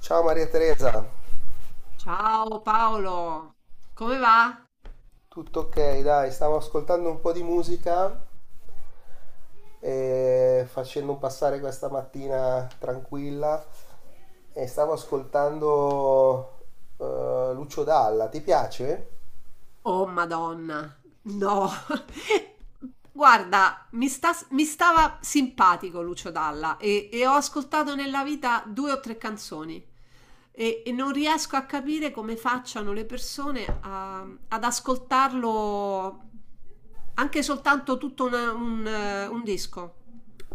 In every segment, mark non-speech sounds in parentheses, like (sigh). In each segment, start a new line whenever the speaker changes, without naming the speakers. Ciao Maria Teresa,
Ciao Paolo, come va?
tutto ok? Dai, stavo ascoltando un po' di musica e facendo passare questa mattina tranquilla e stavo ascoltando Lucio Dalla, ti piace?
Oh Madonna, no. (laughs) Guarda, mi stava simpatico Lucio Dalla e ho ascoltato nella vita due o tre canzoni e non riesco a capire come facciano le persone ad ascoltarlo anche soltanto tutto un disco.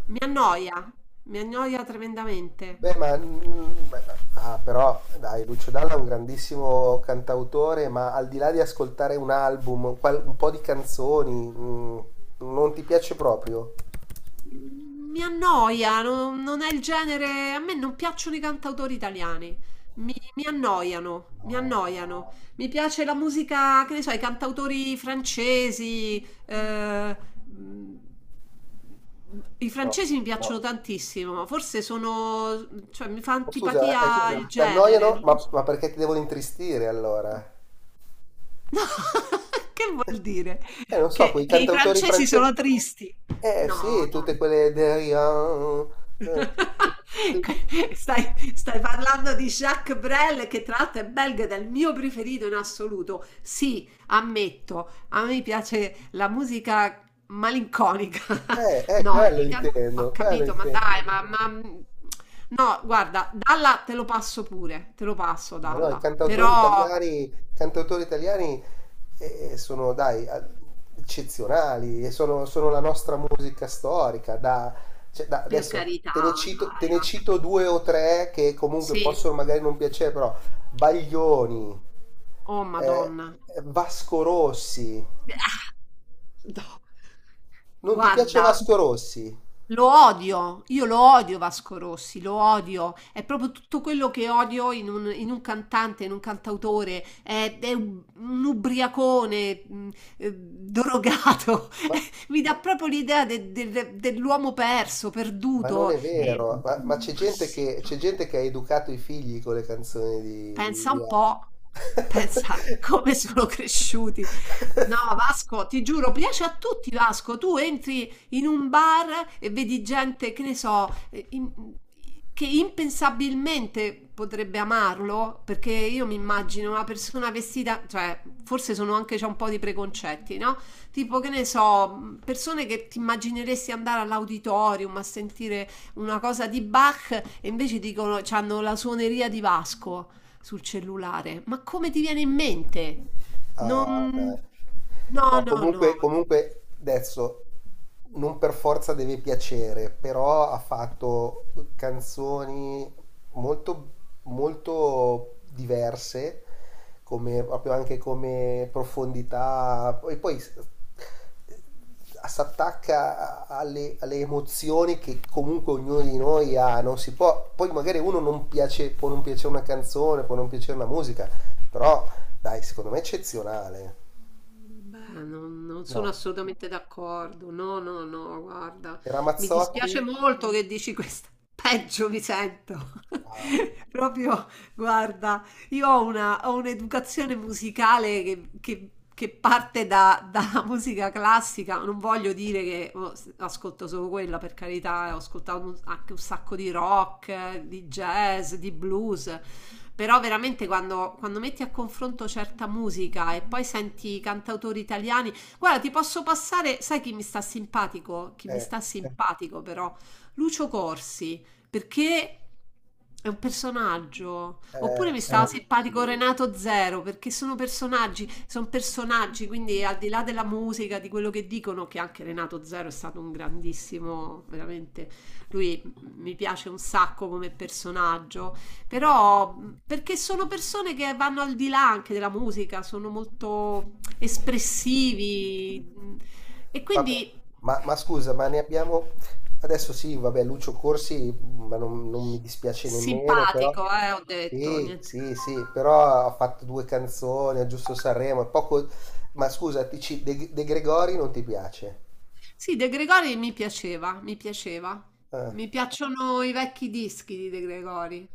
Mi annoia, mi annoia tremendamente.
Beh, ma beh, ah, però dai, Lucio Dalla è un grandissimo cantautore, ma al di là di ascoltare un album, un po' di canzoni, mm, non ti piace proprio?
Mi annoia, non è il genere. A me non piacciono i cantautori italiani. Mi annoiano, mi
No,
annoiano. Mi piace la musica, che ne so, i cantautori francesi. Mh, i
no.
francesi mi piacciono, no, tantissimo. Forse sono, cioè, mi fa
Oh, scusa,
antipatia il scusa,
ti
genere.
annoiano?
Non lo
Ma,
so.
ma perché ti devono intristire allora?
No, (laughs) che vuol dire?
Non so,
Che,
quei
che i
cantautori
francesi
francesi.
sono tristi.
Eh
No,
sì,
no.
tutte quelle derivan.
(laughs)
Eh,
Stai parlando di Jacques Brel che tra l'altro è belga ed è il mio preferito in assoluto. Sì, ammetto, a me piace la musica malinconica.
eh,
(laughs)
eh,
No,
quello
ho
intendo, quello
capito, ma
intendo.
dai. No, guarda, Dalla te lo passo pure, te lo passo
Ma no, i
Dalla,
cantautori
però
italiani, cantautori italiani sono, dai, eccezionali, e sono la nostra musica storica. Cioè,
per
adesso
carità,
te ne cito, te
dai.
ne
Vabbè.
cito due o tre che comunque
Sì,
possono magari non piacere, però Baglioni,
oh
eh,
Madonna.
Vasco Rossi.
(laughs) No.
Non ti piace
Guarda.
Vasco Rossi?
Lo odio, io lo odio Vasco Rossi, lo odio, è proprio tutto quello che odio in un, cantante, in un cantautore, è un ubriacone, drogato,
Ma,
(laughs) mi dà proprio l'idea dell'uomo perso,
ma non
perduto.
è vero, ma c'è
Ma
gente
sì.
che, c'è gente che ha educato i figli con le canzoni di, di,
Pensa
di
un
Vasco.
po', pensa (laughs)
(laughs)
come sono cresciuti. No, Vasco, ti giuro, piace a tutti, Vasco. Tu entri in un bar e vedi gente, che ne so, che impensabilmente potrebbe amarlo, perché io mi immagino una persona vestita, cioè, forse sono anche c'è un po' di preconcetti, no? Tipo, che ne so, persone che ti immagineresti andare all'auditorium a sentire una cosa di Bach e invece dicono, hanno la suoneria di Vasco sul cellulare. Ma come ti viene in mente?
Ah, dai.
Non. No,
No,
no, no,
comunque adesso non per forza deve piacere, però ha fatto canzoni molto, molto diverse, come, proprio anche come profondità, e poi si attacca alle emozioni che comunque ognuno di noi ha, non si può, poi magari uno non piace, può non piacere una canzone, può non piacere una musica, però dai, secondo me è eccezionale.
no, non sono
No,
assolutamente d'accordo. No, no, no, guarda,
era
mi dispiace
Mazzotti?
molto che dici questa. (laughs) Peggio mi sento.
Ah,
(laughs) Proprio, guarda. Io ho un'educazione musicale che parte dalla (laughs) musica classica. Non voglio dire che oh, ascolto solo quella, per carità, ho ascoltato anche un sacco di rock, di jazz, di blues. Però veramente quando, metti a confronto certa musica e poi senti i cantautori italiani, guarda, ti posso passare, sai chi mi sta simpatico? Chi mi
eh,
sta simpatico però? Lucio Corsi perché è un personaggio. Oppure mi
sì.
stava simpatico Renato Zero, perché sono personaggi, quindi al di là della musica, di quello che dicono, che anche Renato Zero è stato un grandissimo, veramente, lui mi piace un sacco come personaggio, però perché sono persone che vanno al di là anche della musica, sono molto espressivi e
Vabbè,
quindi
ma scusa, ma ne abbiamo. Adesso sì, vabbè, Lucio Corsi, ma non mi dispiace nemmeno, però.
simpatico, ho detto,
Sì,
niente.
sì, sì, però ha fatto due canzoni a Giusto Sanremo, è poco. Ma scusa, De Gregori non ti piace?
Sì, De Gregori mi piaceva, mi piaceva.
Eh,
Mi piacciono i vecchi dischi di De Gregori,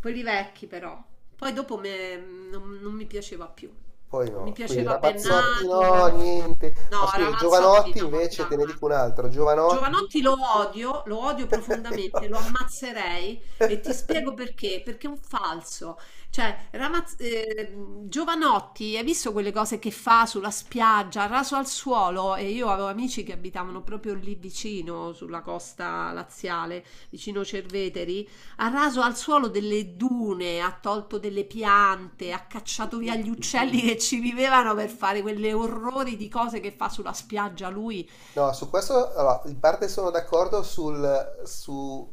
quelli vecchi però. Poi dopo non mi piaceva più.
poi
Mi
no, quindi
piaceva
Ramazzotti no,
Bennato.
niente. Ma
No,
scusa,
Ramazzotti
Giovanotti
no,
invece,
dai.
te ne dico un altro, Giovanotti.
Giovanotti lo odio profondamente, lo
(laughs)
ammazzerei e ti spiego
(laughs)
perché, perché è un falso. Cioè, Giovanotti, hai visto quelle cose che fa sulla spiaggia, raso al suolo? E io avevo amici che abitavano proprio lì vicino, sulla costa laziale, vicino Cerveteri. Ha raso al suolo delle dune, ha tolto delle piante, ha cacciato via gli uccelli che ci vivevano per fare quelle orrori di cose che fa sulla spiaggia lui.
No, su questo allora, in parte sono d'accordo sul, su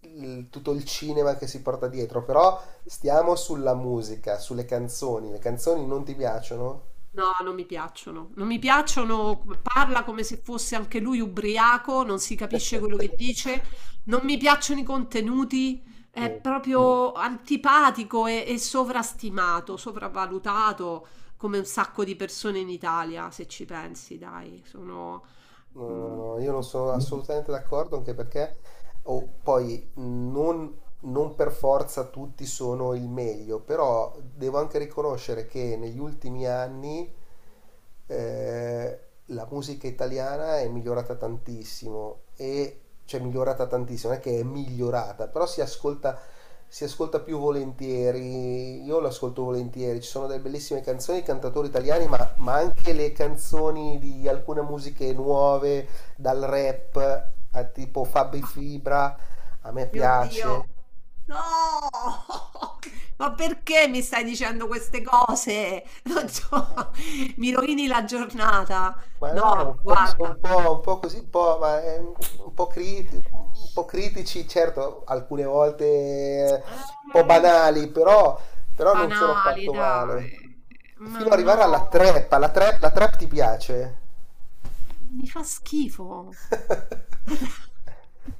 il- tutto il cinema che si porta dietro, però stiamo sulla musica, sulle canzoni. Le canzoni non ti piacciono?
No, non mi piacciono. Non mi piacciono, parla come se fosse anche lui ubriaco, non si capisce quello che dice,
(laughs)
non mi piacciono i contenuti, è
Niente.
proprio antipatico e sovrastimato, sopravvalutato come un sacco di persone in Italia, se ci pensi, dai, sono.
No,
mm,
no, io non sono assolutamente d'accordo, anche perché oh, poi non per forza tutti sono il meglio, però devo anche riconoscere che negli ultimi anni eh, la musica italiana è migliorata tantissimo e cioè migliorata tantissimo, non è che è migliorata, però si ascolta più volentieri, io l'ascolto volentieri, ci sono delle bellissime canzoni, cantatori italiani, ma anche le canzoni di alcune musiche nuove, dal rap a tipo Fabi Fibra, a me
Mio Dio,
piace.
no! (laughs) Ma perché mi stai dicendo queste cose? Non
Eh,
so, (laughs) mi rovini la giornata.
ma no,
No,
un po', sono
guarda.
un po' così, un po', un po' critici, certo, alcune volte un po'
Eh,
banali, però, non sono
banali,
affatto male.
dai. Ma
Fino ad arrivare
no,
alla trap, la trap ti piace?
mi fa schifo.
(laughs)
(laughs)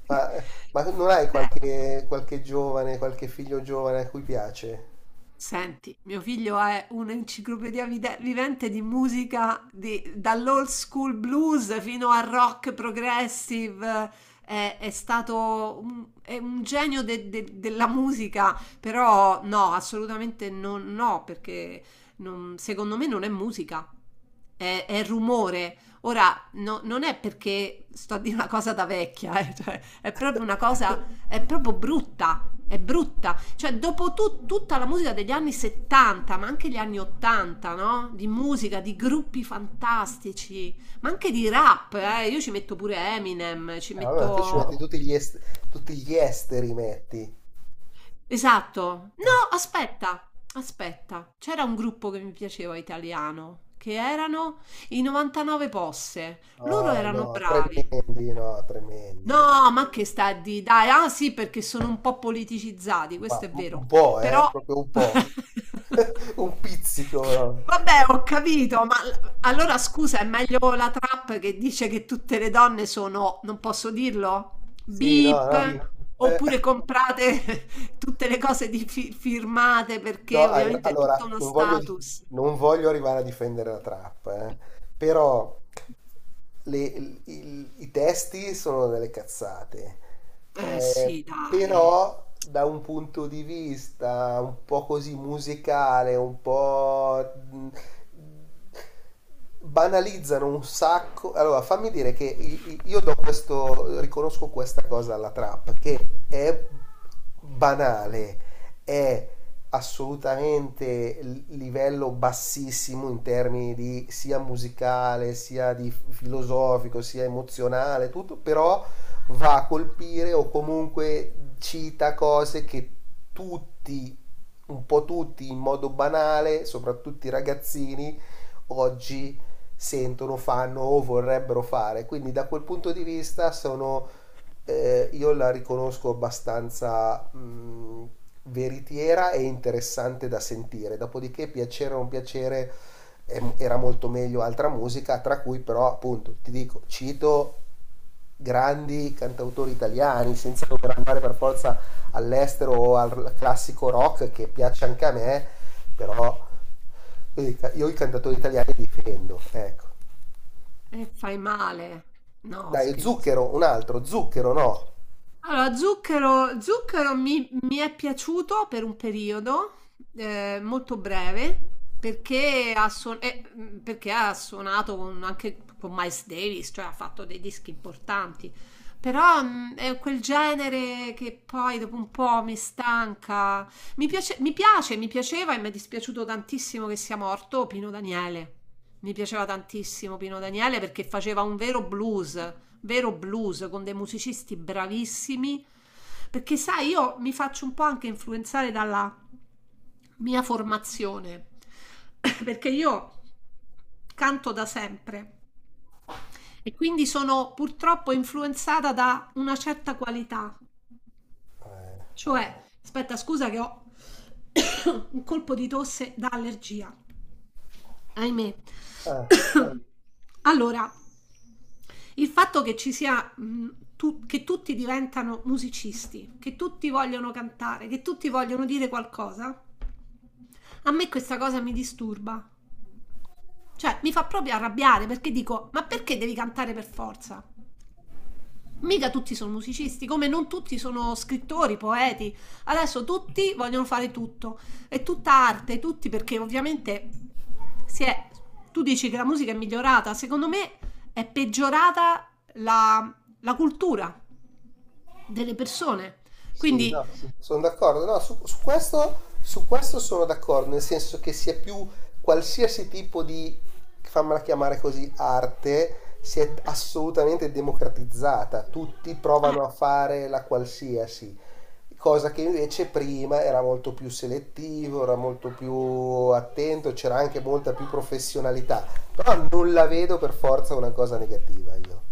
Ma, ma non hai
Cioè,
qualche giovane, qualche figlio giovane a cui piace?
senti, mio figlio è un'enciclopedia vivente di musica dall'old school blues fino al rock progressive. È stato è un genio della musica, però no, assolutamente no, perché secondo me non è musica, è rumore. Ora, non è perché sto a dire una cosa da vecchia, cioè, è proprio una cosa, è proprio brutta, è brutta. Cioè, dopo tutta la musica degli anni 70, ma anche gli anni 80, no? Di musica, di gruppi fantastici, ma anche di rap, eh? Io ci metto pure Eminem, ci Ah,
Vabbè,
metto,
ma tu ci metti
boh.
tutti gli esteri, metti.
Esatto. No,
Eh.
aspetta, aspetta. C'era un gruppo che mi piaceva italiano, che erano i 99 Posse.
No,
Loro erano,
no,
no, bravi.
tremendi, no, tremendi, dai.
No, ma che sta a di dai, ah sì, perché sono un po' politicizzati, questo
Ma
è
un
vero.
un po',
Però
proprio un po'.
(laughs)
(laughs) Un pizzico, no.
Vabbè, ho capito, ma allora scusa, è meglio la trap che dice che tutte le donne sono, non posso dirlo? Sì.
Sì, no, no.
Beep,
Eh,
oppure comprate (laughs) tutte le cose di firmate
no,
perché ovviamente è tutto
allora,
uno
non voglio,
status.
non voglio arrivare a difendere la trap, eh. Però i testi sono delle cazzate,
Eh
eh,
sì, dai,
però da un punto di vista un po' così musicale, un po' banalizzano un sacco. Allora, fammi dire che io do questo, riconosco questa cosa alla trap, che è banale, è assolutamente livello bassissimo in termini di sia musicale, sia di filosofico, sia emozionale, tutto, però va a colpire o comunque cita cose che tutti, un po' tutti in modo banale, soprattutto i ragazzini, oggi sentono, fanno o vorrebbero fare. Quindi da quel punto di vista sono, io la riconosco abbastanza veritiera e interessante da sentire. Dopodiché, piacere o non piacere, era molto meglio altra musica, tra cui però, appunto, ti dico, cito grandi cantautori italiani, senza dover andare per forza all'estero o al classico rock che piace anche a me, però io i cantatori italiani difendo, ecco.
e fai male. No,
Dai,
scherzo.
Zucchero, un altro, Zucchero no.
Allora, Zucchero mi è piaciuto per un periodo molto breve perché perché ha suonato anche con Miles Davis, cioè ha fatto dei dischi importanti. Però è quel genere che poi dopo un po' mi stanca. Mi piace, mi piace, mi piaceva e mi è dispiaciuto tantissimo che sia morto Pino Daniele. Mi piaceva tantissimo Pino Daniele perché faceva un vero blues con dei musicisti bravissimi. Perché sai, io mi faccio un po' anche influenzare dalla mia formazione, (coughs) perché io canto da sempre e quindi sono purtroppo influenzata da una certa qualità.
Eh.
Cioè, aspetta, scusa che ho (coughs) un colpo di tosse da allergia, ahimè.
Ah.
(coughs) Allora, il fatto che ci sia, che tutti diventano musicisti, che tutti vogliono cantare, che tutti vogliono dire qualcosa, a me questa cosa mi disturba. Cioè, mi fa proprio arrabbiare perché dico, ma perché devi cantare per forza? Mica tutti sono musicisti, come non tutti sono scrittori, poeti. Adesso tutti vogliono fare tutto. È tutta arte, tutti perché ovviamente si è. Tu dici che la musica è migliorata, secondo me è peggiorata la, la cultura delle persone.
Sì,
Quindi
no, sono d'accordo. No, su questo sono d'accordo, nel senso che sia più qualsiasi tipo di, fammela chiamare così, arte si è assolutamente democratizzata. Tutti
eh,
provano a fare la qualsiasi, cosa che invece prima era molto più selettivo, era molto più attento, c'era anche molta più professionalità. Però non la vedo per forza una cosa negativa io.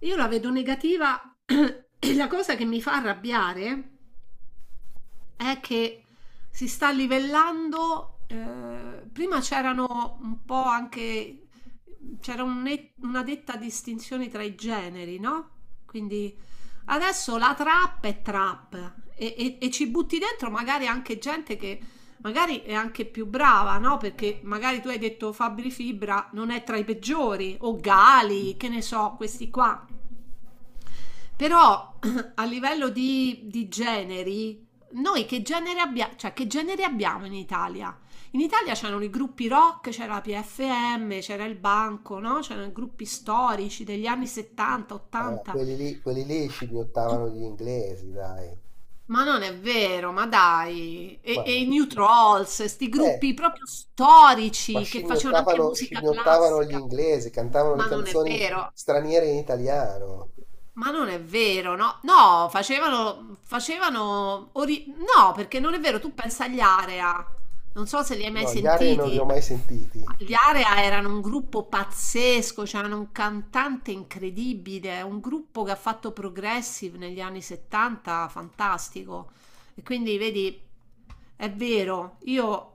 io la vedo negativa (clears throat) (coughs) e la cosa che mi fa arrabbiare è che si sta livellando, prima c'erano un po' anche, c'era un una netta distinzione tra i generi, no? Quindi adesso la trap è trap e ci butti dentro magari anche gente che magari è anche più brava, no? Perché magari tu hai detto Fabri Fibra non è tra i peggiori, o Gali, che ne so, questi qua. Però (clears throat) a livello di generi, noi che genere abbiamo, cioè che genere abbiamo in Italia? In Italia c'erano i gruppi rock, c'era la PFM, c'era il Banco, no? C'erano i gruppi storici degli anni 70,
Eh,
80.
quelli lì, quelli lì scimmiottavano gli inglesi, dai.
Ma non è vero, ma dai. E,
Ma
e i
no.
New Trolls, questi
Eh,
gruppi proprio
ma
storici che facevano anche
scimmiottavano,
musica
scimmiottavano gli
classica.
inglesi, cantavano le
Ma non è
canzoni
vero.
straniere in italiano.
Ma non è vero, no? No, facevano, facevano, no, perché non è vero, tu pensa agli Area, non so se li hai mai
No, gli aree non li
sentiti.
ho mai sentiti.
Gli Area erano un gruppo pazzesco, c'erano un cantante incredibile, un gruppo che ha fatto progressive negli anni 70, fantastico. E quindi vedi, è vero, io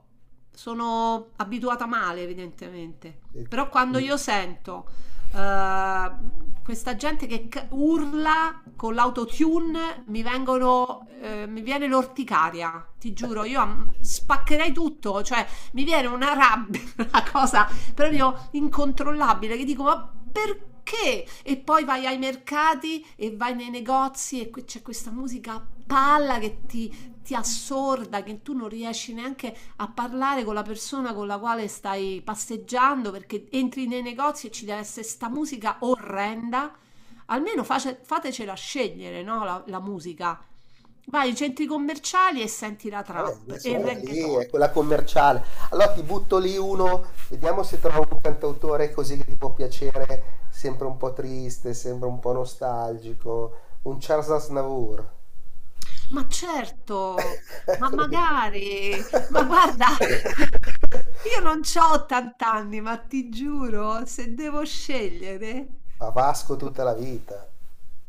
sono abituata male, evidentemente,
Eh,
però quando io sento questa gente che urla con l'autotune, mi viene l'orticaria, ti giuro, io spaccherei tutto, cioè mi viene una rabbia, (laughs) una cosa proprio incontrollabile, che dico, ma perché? Che? E poi vai ai mercati e vai nei negozi e c'è questa musica a palla che ti assorda, che tu non riesci neanche a parlare con la persona con la quale stai passeggiando perché entri nei negozi e ci deve essere sta musica orrenda. Almeno fatecela scegliere, no? La musica. Vai ai centri commerciali e senti la
Vabbè,
trap e
adesso
il
quella lì
reggaeton.
è quella commerciale. Allora ti butto lì uno, vediamo se trovo un cantautore così che ti può piacere, sempre un po' triste, sempre un po' nostalgico. Un Charles Aznavour.
Ma certo,
(laughs)
ma
Eccolo lì.
magari, ma
(laughs)
guarda, io non c'ho 80 anni, ma ti giuro, se devo scegliere.
A Vasco tutta la vita.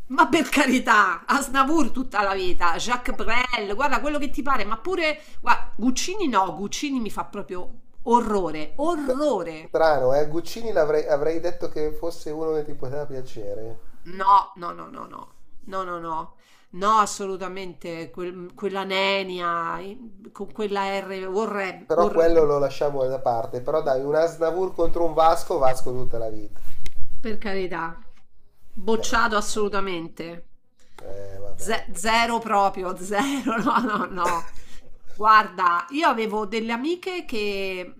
Ma per carità, Aznavour tutta la vita, Jacques Brel, guarda quello che ti pare, ma pure, guarda, Guccini no, Guccini mi fa proprio orrore, orrore.
Strano, eh? Guccini avrei detto che fosse uno che ti poteva piacere.
No, no, no, no, no, no, no, no, no, assolutamente, quella nenia, con quella R,
Però quello
orrendo,
lo lasciamo da parte. Però dai, un Asnavour contro un Vasco, Vasco tutta la vita.
per carità,
Eh,
bocciato assolutamente,
vabbè.
Zero proprio, (laughs) zero, no, no, no. Guarda, io avevo delle amiche che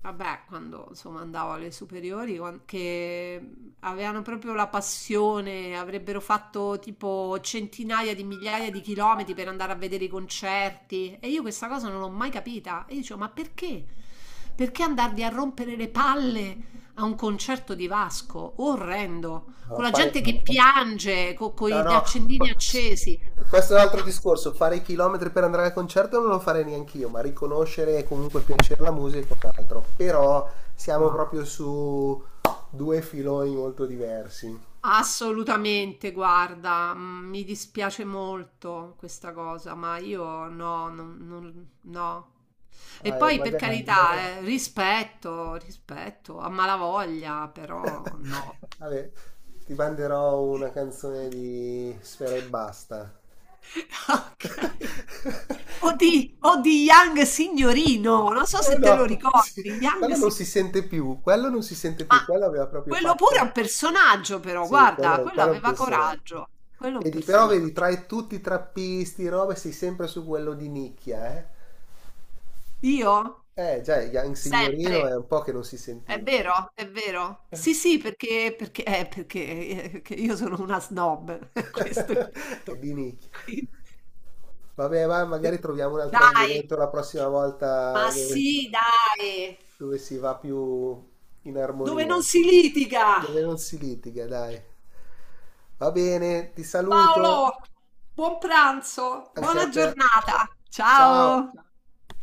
Vabbè, quando insomma andavo alle superiori, che avevano proprio la passione, avrebbero fatto tipo centinaia di migliaia di chilometri per andare a vedere i concerti. E io questa cosa non l'ho mai capita. E io dicevo, ma perché? Perché andarvi a rompere le palle a un concerto di Vasco? Orrendo, con
No,
la gente che piange, con
no,
gli
no.
accendini accesi.
Questo è un altro discorso. Fare i chilometri per andare al concerto non lo farei neanche io, ma riconoscere e comunque piacere la musica è un altro. Però siamo proprio su due filoni molto diversi.
Assolutamente, guarda, mi dispiace molto questa cosa, ma io no, no. E
Eh,
poi per
magari...
carità, rispetto, rispetto, a malavoglia,
(laughs)
però no.
Vabbè, ti manderò una canzone di Sfera e Basta.
(laughs) Ok. O
(laughs)
di, o di Young Signorino, non so
Oh
se te lo
no, sì,
ricordi, Young
quello non
Signorino.
si sente più, quello non si sente
Ma
più, quello aveva proprio
quello pure è
fatto.
un personaggio, però,
Sì,
guarda,
quello,
quello
quello è un
aveva
personaggio.
coraggio, quello è un
Però vedi,
personaggio.
tutti i trappisti, robe, sei sempre su quello di nicchia, eh?
Io?
Già, il Young Signorino
Sempre.
è un po' che non si
È
sentiva.
vero, è vero. Sì,
(laughs)
sì, perché perché perché, che io sono una snob, (laughs) questo è il
È
punto.
di nicchia.
Quindi
Vabbè, ma magari troviamo un altro
dai!
argomento la prossima volta
Ma
dove
sì, dai!
dove si va più in
Dove non
armonia,
si litiga!
dove non si litiga, dai. Va bene, ti saluto
Paolo, buon pranzo,
anche a
buona
te.
giornata.
Ciao.
Ciao!